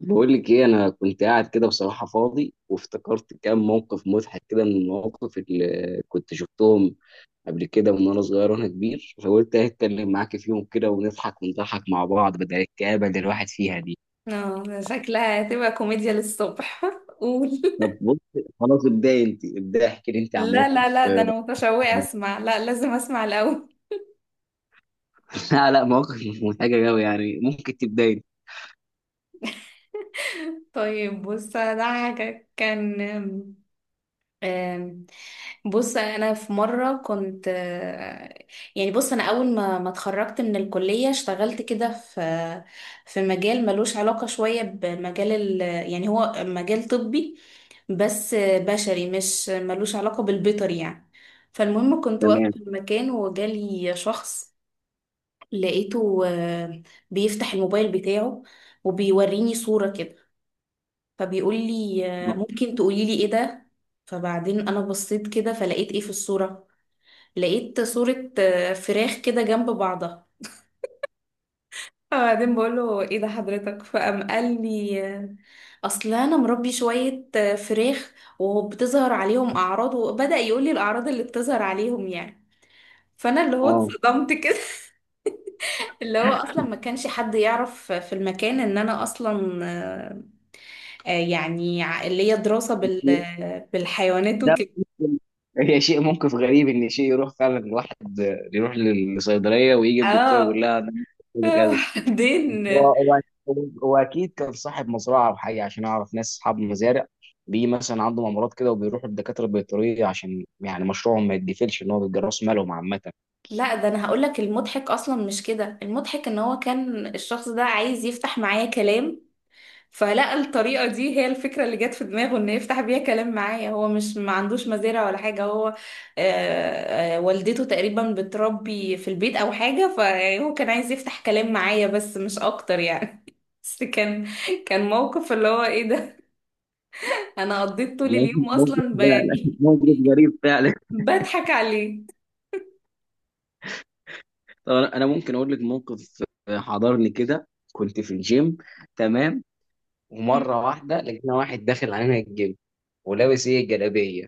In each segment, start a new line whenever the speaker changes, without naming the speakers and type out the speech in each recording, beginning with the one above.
بقول لك ايه، انا كنت قاعد كده بصراحه فاضي وافتكرت كام موقف مضحك كده من المواقف اللي كنت شفتهم قبل كده، من وانا صغير وانا كبير. فقلت اتكلم معاك فيهم كده ونضحك ونضحك مع بعض بدل الكآبه اللي الواحد فيها دي.
اه، شكلها هتبقى كوميديا للصبح. قول.
طب بص، خلاص ابداي انت، ابداي احكي لي انت عن
لا لا
موقف.
لا، ده انا متشوقة
ضحك.
اسمع. لا، لازم اسمع الاول.
لا لا، موقف مش مضحكه قوي يعني، ممكن تبداي انت.
طيب بص، ده حاجة كان آم، آم، بص انا في مرة كنت يعني. بص انا اول ما اتخرجت من الكلية اشتغلت كده في مجال ملوش علاقة شوية بمجال يعني، هو مجال طبي بس بشري مش ملوش علاقة بالبيطر يعني. فالمهم كنت واقفة
تمام.
في المكان وجالي شخص، لقيته بيفتح الموبايل بتاعه وبيوريني صورة كده فبيقول لي ممكن تقولي لي ايه ده. فبعدين انا بصيت كده فلقيت ايه في الصورة. لقيت صورة فراخ كده جنب بعضها. فبعدين بقول له ايه ده حضرتك، فقام قال لي اصل انا مربي شويه فراخ وبتظهر عليهم اعراض، وبدا يقول لي الاعراض اللي بتظهر عليهم يعني. فانا اللي هو
اه،
اتصدمت كده. اللي هو اصلا ما كانش حد يعرف في المكان ان انا اصلا يعني اللي هي دراسه بالحيوانات
ده
وكده.
ممكن. هي شيء، موقف غريب ان شيء يروح فعلا، واحد يروح للصيدليه ويجي الدكتور يقول
اه.
لها أنا عندي كذا. بس
بعدين
هو اكيد كان صاحب مزرعه او حاجه، عشان اعرف ناس اصحاب مزارع بيجي مثلا عندهم امراض كده وبيروحوا للدكاتره البيطريه عشان يعني مشروعهم ما يتقفلش، ان هو بيبقى راس مالهم عامه.
لا، ده انا هقول لك المضحك اصلا مش كده. المضحك ان هو كان الشخص ده عايز يفتح معايا كلام، فلقى الطريقة دي هي الفكرة اللي جت في دماغه ان يفتح بيها كلام معايا. هو مش ما عندوش مزارع ولا حاجة. هو والدته تقريبا بتربي في البيت او حاجة، فهو كان عايز يفتح كلام معايا بس مش اكتر يعني. بس كان موقف اللي هو ايه ده. انا قضيت طول
ممكن
اليوم
ممكن
اصلا
لا لا،
يعني
موقف غريب فعلا.
بضحك عليه.
طب انا ممكن اقول لك موقف حضرني كده. كنت في الجيم، تمام، ومره واحده لقينا واحد داخل علينا الجيم، ولابس ايه الجلابيه.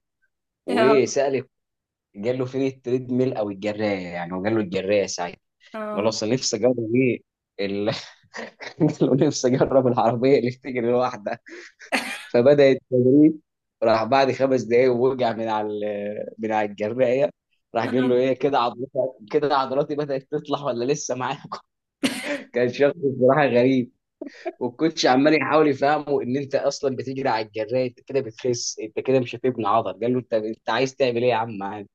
وايه
اه،
سأل، قال له فين التريد ميل او الجرايه يعني، وقال له الجرايه ساعتها. قال له
اه،
اصل نفسي اجرب ايه ال... قال له نفسي اجرب العربيه اللي بتجري لوحدها. فبدا التدريب. راح بعد خمس دقايق ووقع من على من على الجرايه. راح قال له
آه.
ايه، كده عضلاتي كده عضلاتي بدات تطلع ولا لسه معاك؟ كان شخص بصراحه غريب. والكوتش عمال يحاول يفهمه ان انت اصلا بتجري على الجرايه، انت كده بتخس، انت كده مش هتبني عضل. قال له انت عايز تعمل ايه يا عم؟ عادي.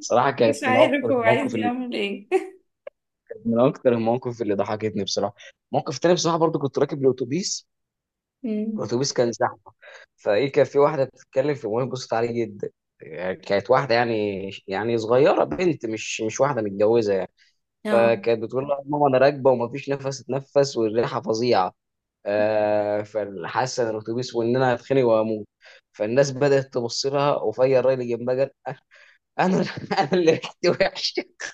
صراحه كانت
مش
من
عارف
اكتر
هو
المواقف
عايز
اللي،
يعمل ايه.
من اكتر المواقف اللي ضحكتني بصراحه. موقف تاني بصراحه برضو، كنت راكب الاتوبيس، الاتوبيس كان زحمه، فايه كان في واحده بتتكلم في الموبايل، بصت عليه جدا يعني. كانت واحده يعني، صغيره، بنت، مش واحده متجوزه يعني.
اه،
فكانت بتقول لها ماما انا راكبه ومفيش نفس اتنفس، والريحه فظيعه، فحاسه ان الاتوبيس، وان انا هتخنق واموت. فالناس بدات تبص لها، وفيا الراجل اللي جنبها قال انا، انا اللي ريحتي وحشه؟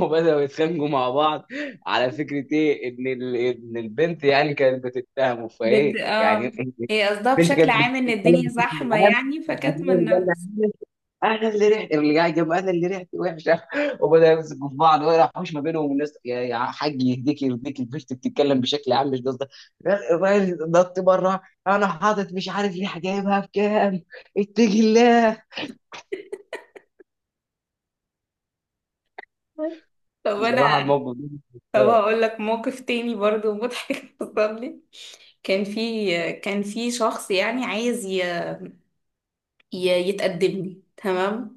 وبداوا يتخانقوا مع بعض. على فكره، ايه ان ان البنت يعني كانت بتتهمه فايه يعني.
اه، هي قصدها
البنت
بشكل
كانت بتتكلم
عام ان الدنيا
بشكل
زحمة
عام.
يعني فكاتمة النفس.
انا اللي ريحتي؟ اللي قاعد جنب انا اللي ريحتي وحشه؟ وبدا يمسكوا في بعض ولا حوش ما بينهم، والناس يا يا حاج يهديك يهديك، البنت بتتكلم بشكل عام، مش قصدك. الراجل نط بره، انا حاطط مش عارف ليه، جايبها بكام، اتقي الله.
طب انا
بصراحه الموقف ده مش
طب
متخيل.
هقول لك موقف تاني برضو مضحك حصل لي. كان في شخص يعني عايز يتقدم لي، تمام.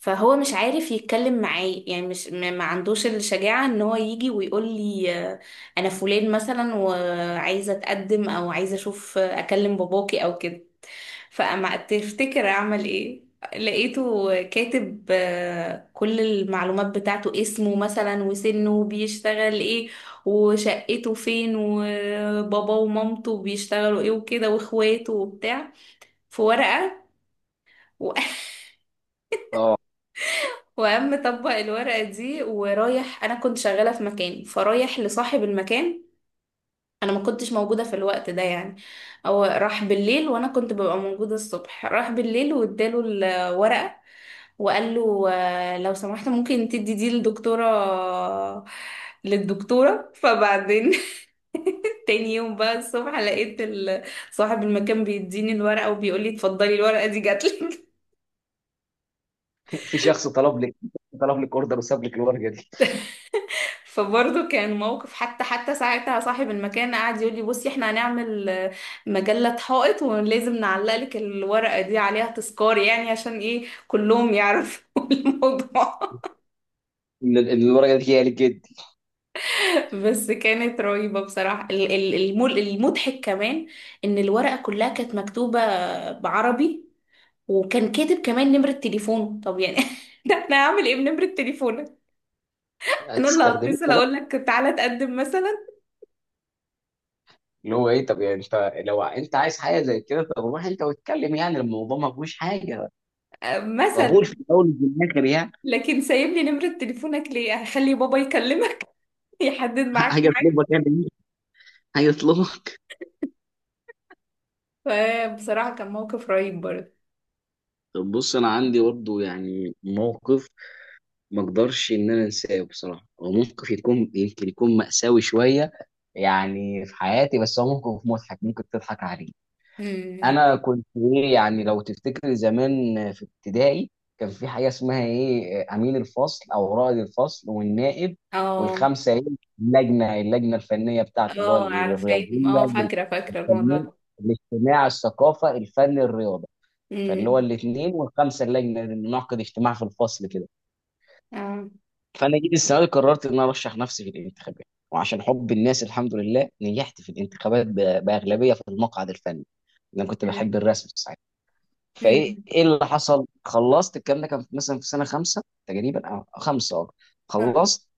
فهو مش عارف يتكلم معايا يعني مش ما عندوش الشجاعة ان هو يجي ويقول لي انا فلان مثلا وعايزة اتقدم، او عايزة اشوف اكلم باباكي او كده. فاما تفتكر اعمل ايه؟ لقيته كاتب كل المعلومات بتاعته، اسمه مثلا وسنه وبيشتغل ايه وشقته فين وبابا ومامته بيشتغلوا ايه وكده واخواته وبتاع، في ورقة. و...
اه،
وقام طبق الورقة دي ورايح. أنا كنت شغالة في مكان فرايح لصاحب المكان. أنا ما كنتش موجودة في الوقت ده يعني، هو راح بالليل وأنا كنت ببقى موجودة الصبح. راح بالليل واداله الورقة وقال له لو سمحت ممكن تدي دي للدكتورة. فبعدين تاني يوم بقى الصبح لقيت صاحب المكان بيديني الورقة وبيقول لي اتفضلي، الورقة دي جاتلك.
في شخص طلب لك اوردر وساب لك الورقه دي.
فبرضه كان موقف. حتى ساعتها صاحب المكان قعد يقول لي بصي احنا هنعمل مجلة حائط، ولازم نعلق لك الورقة دي عليها تذكار يعني عشان ايه كلهم يعرفوا الموضوع.
الورقه دي هي لجدي؟
بس كانت رهيبة بصراحة. المضحك كمان إن الورقة كلها كانت مكتوبة بعربي، وكان كاتب كمان نمرة تليفونه. طب يعني ده احنا هعمل ايه بنمرة تليفونك؟ انا اللي
هتستخدميها؟
هتصل اقول لك تعالى تقدم مثلا؟
اللي هو ايه؟ طب يعني انت، لو انت عايز حاجه زي كده، طب روح انت واتكلم، يعني الموضوع ما فيهوش حاجه،
مثلا
قبول في الاول وفي الاخر يعني.
لكن سايب لي نمرة تليفونك ليه؟ هخلي بابا يكلمك يحدد معاك.
هيطلبك يعني هيطلبك
فبصراحة كان موقف رهيب برضه.
طب بص، انا عندي برضه يعني موقف ما اقدرش ان انا انساه بصراحه. هو موقف يكون يمكن يكون مأساوي شويه يعني في حياتي، بس هو موقف مضحك ممكن تضحك عليه.
امم
انا كنت ايه يعني؟ لو تفتكر زمان في ابتدائي، كان في حاجه اسمها ايه امين الفصل او رائد الفصل والنائب،
اه،
والخمسه ايه، اللجنه الفنيه بتاعته اللي هو
اه، عارفة. اه،
الرياضيه
فاكرة فاكرة الموضوع
والفنيه،
ده.
الاجتماع، الثقافه، الفن الرياضي. فاللي هو
امم
الاثنين والخمسه اللجنه ننعقد اجتماع في الفصل كده.
اه،
فانا جيت السنه دي قررت ان انا ارشح نفسي في الانتخابات، وعشان حب الناس الحمد لله نجحت في الانتخابات باغلبيه في المقعد الفني. انا كنت
تمام.
بحب الرسم ساعتها. فايه
مم.
ايه اللي حصل؟ خلصت، الكلام ده كان مثلا في سنه خمسه تقريبا او خمسه، اه، خلصت،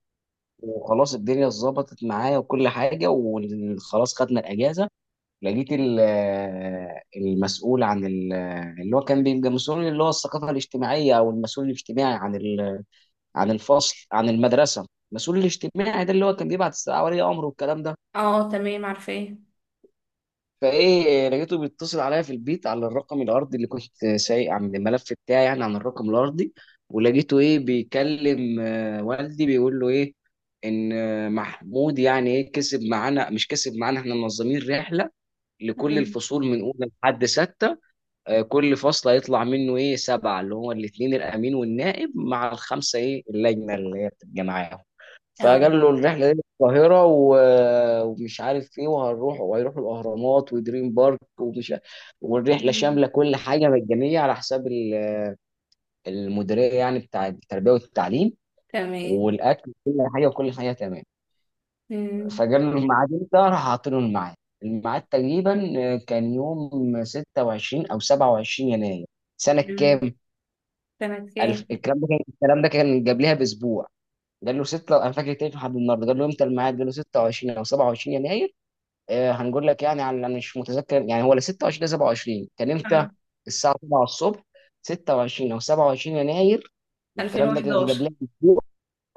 وخلاص الدنيا اتظبطت معايا وكل حاجه، وخلاص خدنا الاجازه. لقيت المسؤول عن اللي هو كان بيبقى مسؤول، اللي هو الثقافة الاجتماعية أو المسؤول الاجتماعي عن عن الفصل، عن المدرسة. المسؤول الاجتماعي ده اللي هو كان بيبعت الساعة ولي أمره والكلام ده.
اه، تمام عارفاه.
فإيه، لقيته بيتصل عليا في البيت على الرقم الأرضي اللي كنت سايق عن الملف بتاعي يعني، عن الرقم الأرضي. ولقيته إيه بيكلم والدي، بيقول له إيه إن محمود يعني إيه كسب معانا، مش كسب معانا، إحنا منظمين رحلة لكل
مم.
الفصول من أولى لحد ستة. كل فصل هيطلع منه ايه سبعه، اللي هو الاثنين الامين والنائب مع الخمسه ايه اللجنه اللي هي بتبقى معاهم.
اه.
فقال له الرحله دي القاهره ومش عارف ايه، وهنروح وهيروحوا الاهرامات ودريم بارك ومش والرحله
مم.
شامله كل حاجه، مجانيه على حساب المديريه يعني بتاع التربيه والتعليم،
تمام.
والاكل وكل حاجه، وكل حاجه تمام.
مم.
فقال له الميعاد امتى؟ راح حاطين له الميعاد. الميعاد تقريبا كان يوم 26 او 27 يناير. سنة
تمام.
كام؟
سنة كام؟
الكلام ده كان قبلها باسبوع. قال له ستة، انا فاكر تاني لحد النهارده، قال له امتى الميعاد؟ قال له 26 او 27 يناير. آه، هنقول لك يعني، على انا مش متذكر يعني هو لا 26 لا 27 كان امتى.
اه،
الساعه 7 الصبح، 26 او 27 يناير. والكلام ده كان قبلها
2011.
باسبوع.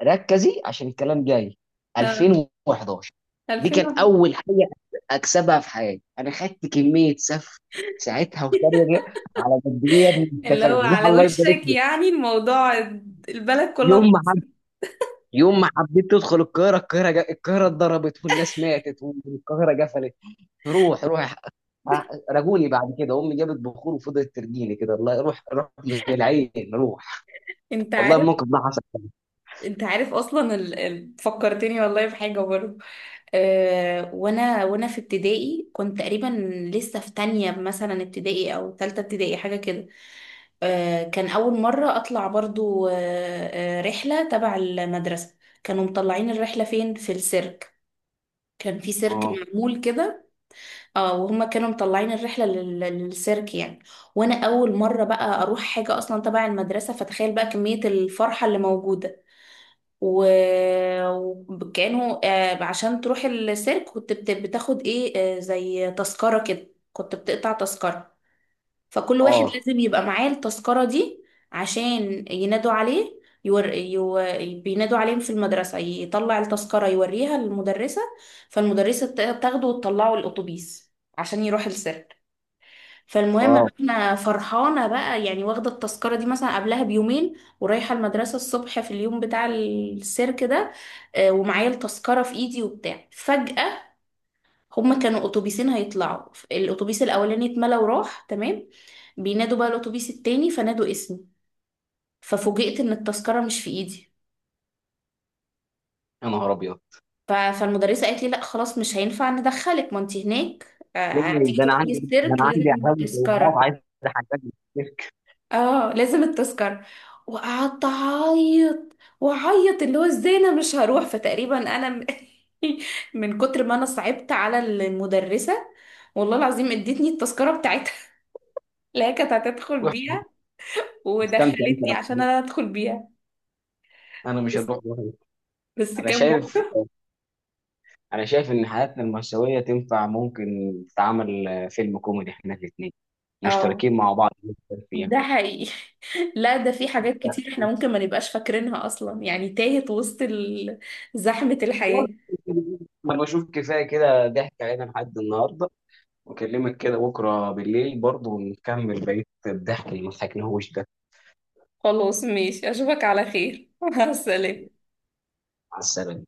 ركزي عشان الكلام جاي.
اه،
2011. دي
2000.
كان اول حاجه اكسبها في حياتي. انا خدت كميه سف ساعتها وتريقه، على قد ايه يا ابني انت
اللي هو
فاهم،
على
الله يبارك
وشك
لك.
يعني الموضوع. البلد كلها
يوم ما
باظت.
يوم ما حبيت تدخل القاهرة، القاهرة القاهرة اتضربت، والناس ماتت، والقاهرة قفلت. روح روح. رجوني بعد كده، أمي جابت بخور وفضلت ترجيني كده الله، روح روح من العين روح.
انت
والله
عارف.
الموقف ده حصل.
اصلا فكرتني والله بحاجه برضه. وانا في ابتدائي كنت تقريبا لسه في تانية مثلا ابتدائي او تالتة ابتدائي حاجه كده. كان اول مره اطلع برضو رحله تبع المدرسه. كانوا مطلعين الرحله فين؟ في السيرك. كان في سيرك
اه،
معمول كده. اه، وهما كانوا مطلعين الرحله للسيرك يعني. وانا اول مره بقى اروح حاجه اصلا تبع المدرسه، فتخيل بقى كميه الفرحه اللي موجوده. و... وكانه عشان تروح السيرك كنت بتاخد ايه زي تذكرة كده. كنت بتقطع تذكرة، فكل واحد
اه،
لازم يبقى معاه التذكرة دي عشان ينادوا عليه. يور... يو... بينادوا عليهم في المدرسة، يطلع التذكرة يوريها للمدرسة. فالمدرسة تاخده وتطلعه الأتوبيس عشان يروح السيرك. فالمهم
اه،
بقى انا فرحانه بقى يعني واخده التذكره دي مثلا قبلها بيومين. ورايحه المدرسه الصبح في اليوم بتاع السيرك ده. ومعايا التذكره في ايدي وبتاع. فجاه هما كانوا اتوبيسين هيطلعوا. الاتوبيس الاولاني اتملى وراح، تمام. بينادوا بقى الاتوبيس التاني، فنادوا اسمي. ففوجئت ان التذكره مش في ايدي.
يا نهار أبيض.
فالمدرسه قالت لي لا خلاص مش هينفع ندخلك، ما انت هناك
ده
هتيجي
ده أنا
تدخلي
عندي ده أنا
السيرك
عندي
لازم
عزاوي،
التذكره.
طموحات، عايز أحقق.
اه، لازم التذكرة. وقعدت اعيط واعيط اللي هو ازاي انا مش هروح. فتقريبا انا من كتر ما انا صعبت على المدرسة، والله العظيم ادتني التذكرة بتاعتها اللي هي كانت هتدخل
روح
بيها.
استمتع أنت،
ودخلتني عشان انا ادخل بيها.
أنا مش
بس
هروح، أنا مش هروح.
بس
أنا
كان
شايف،
موقف.
انا شايف ان حياتنا المأساوية تنفع ممكن تتعمل فيلم كوميدي، احنا الاثنين
اه،
مشتركين مع بعض جداً فيها.
ده حقيقي. لا، ده في حاجات كتير احنا ممكن ما نبقاش فاكرينها اصلا يعني تاهت وسط زحمة الحياة.
انا بشوف كفاية كده ضحك علينا لحد النهاردة، واكلمك كده بكرة بالليل برضه ونكمل بقية الضحك اللي ما ضحكناهوش ده.
خلاص، ماشي، اشوفك على خير. مع السلامة.
على السلامة.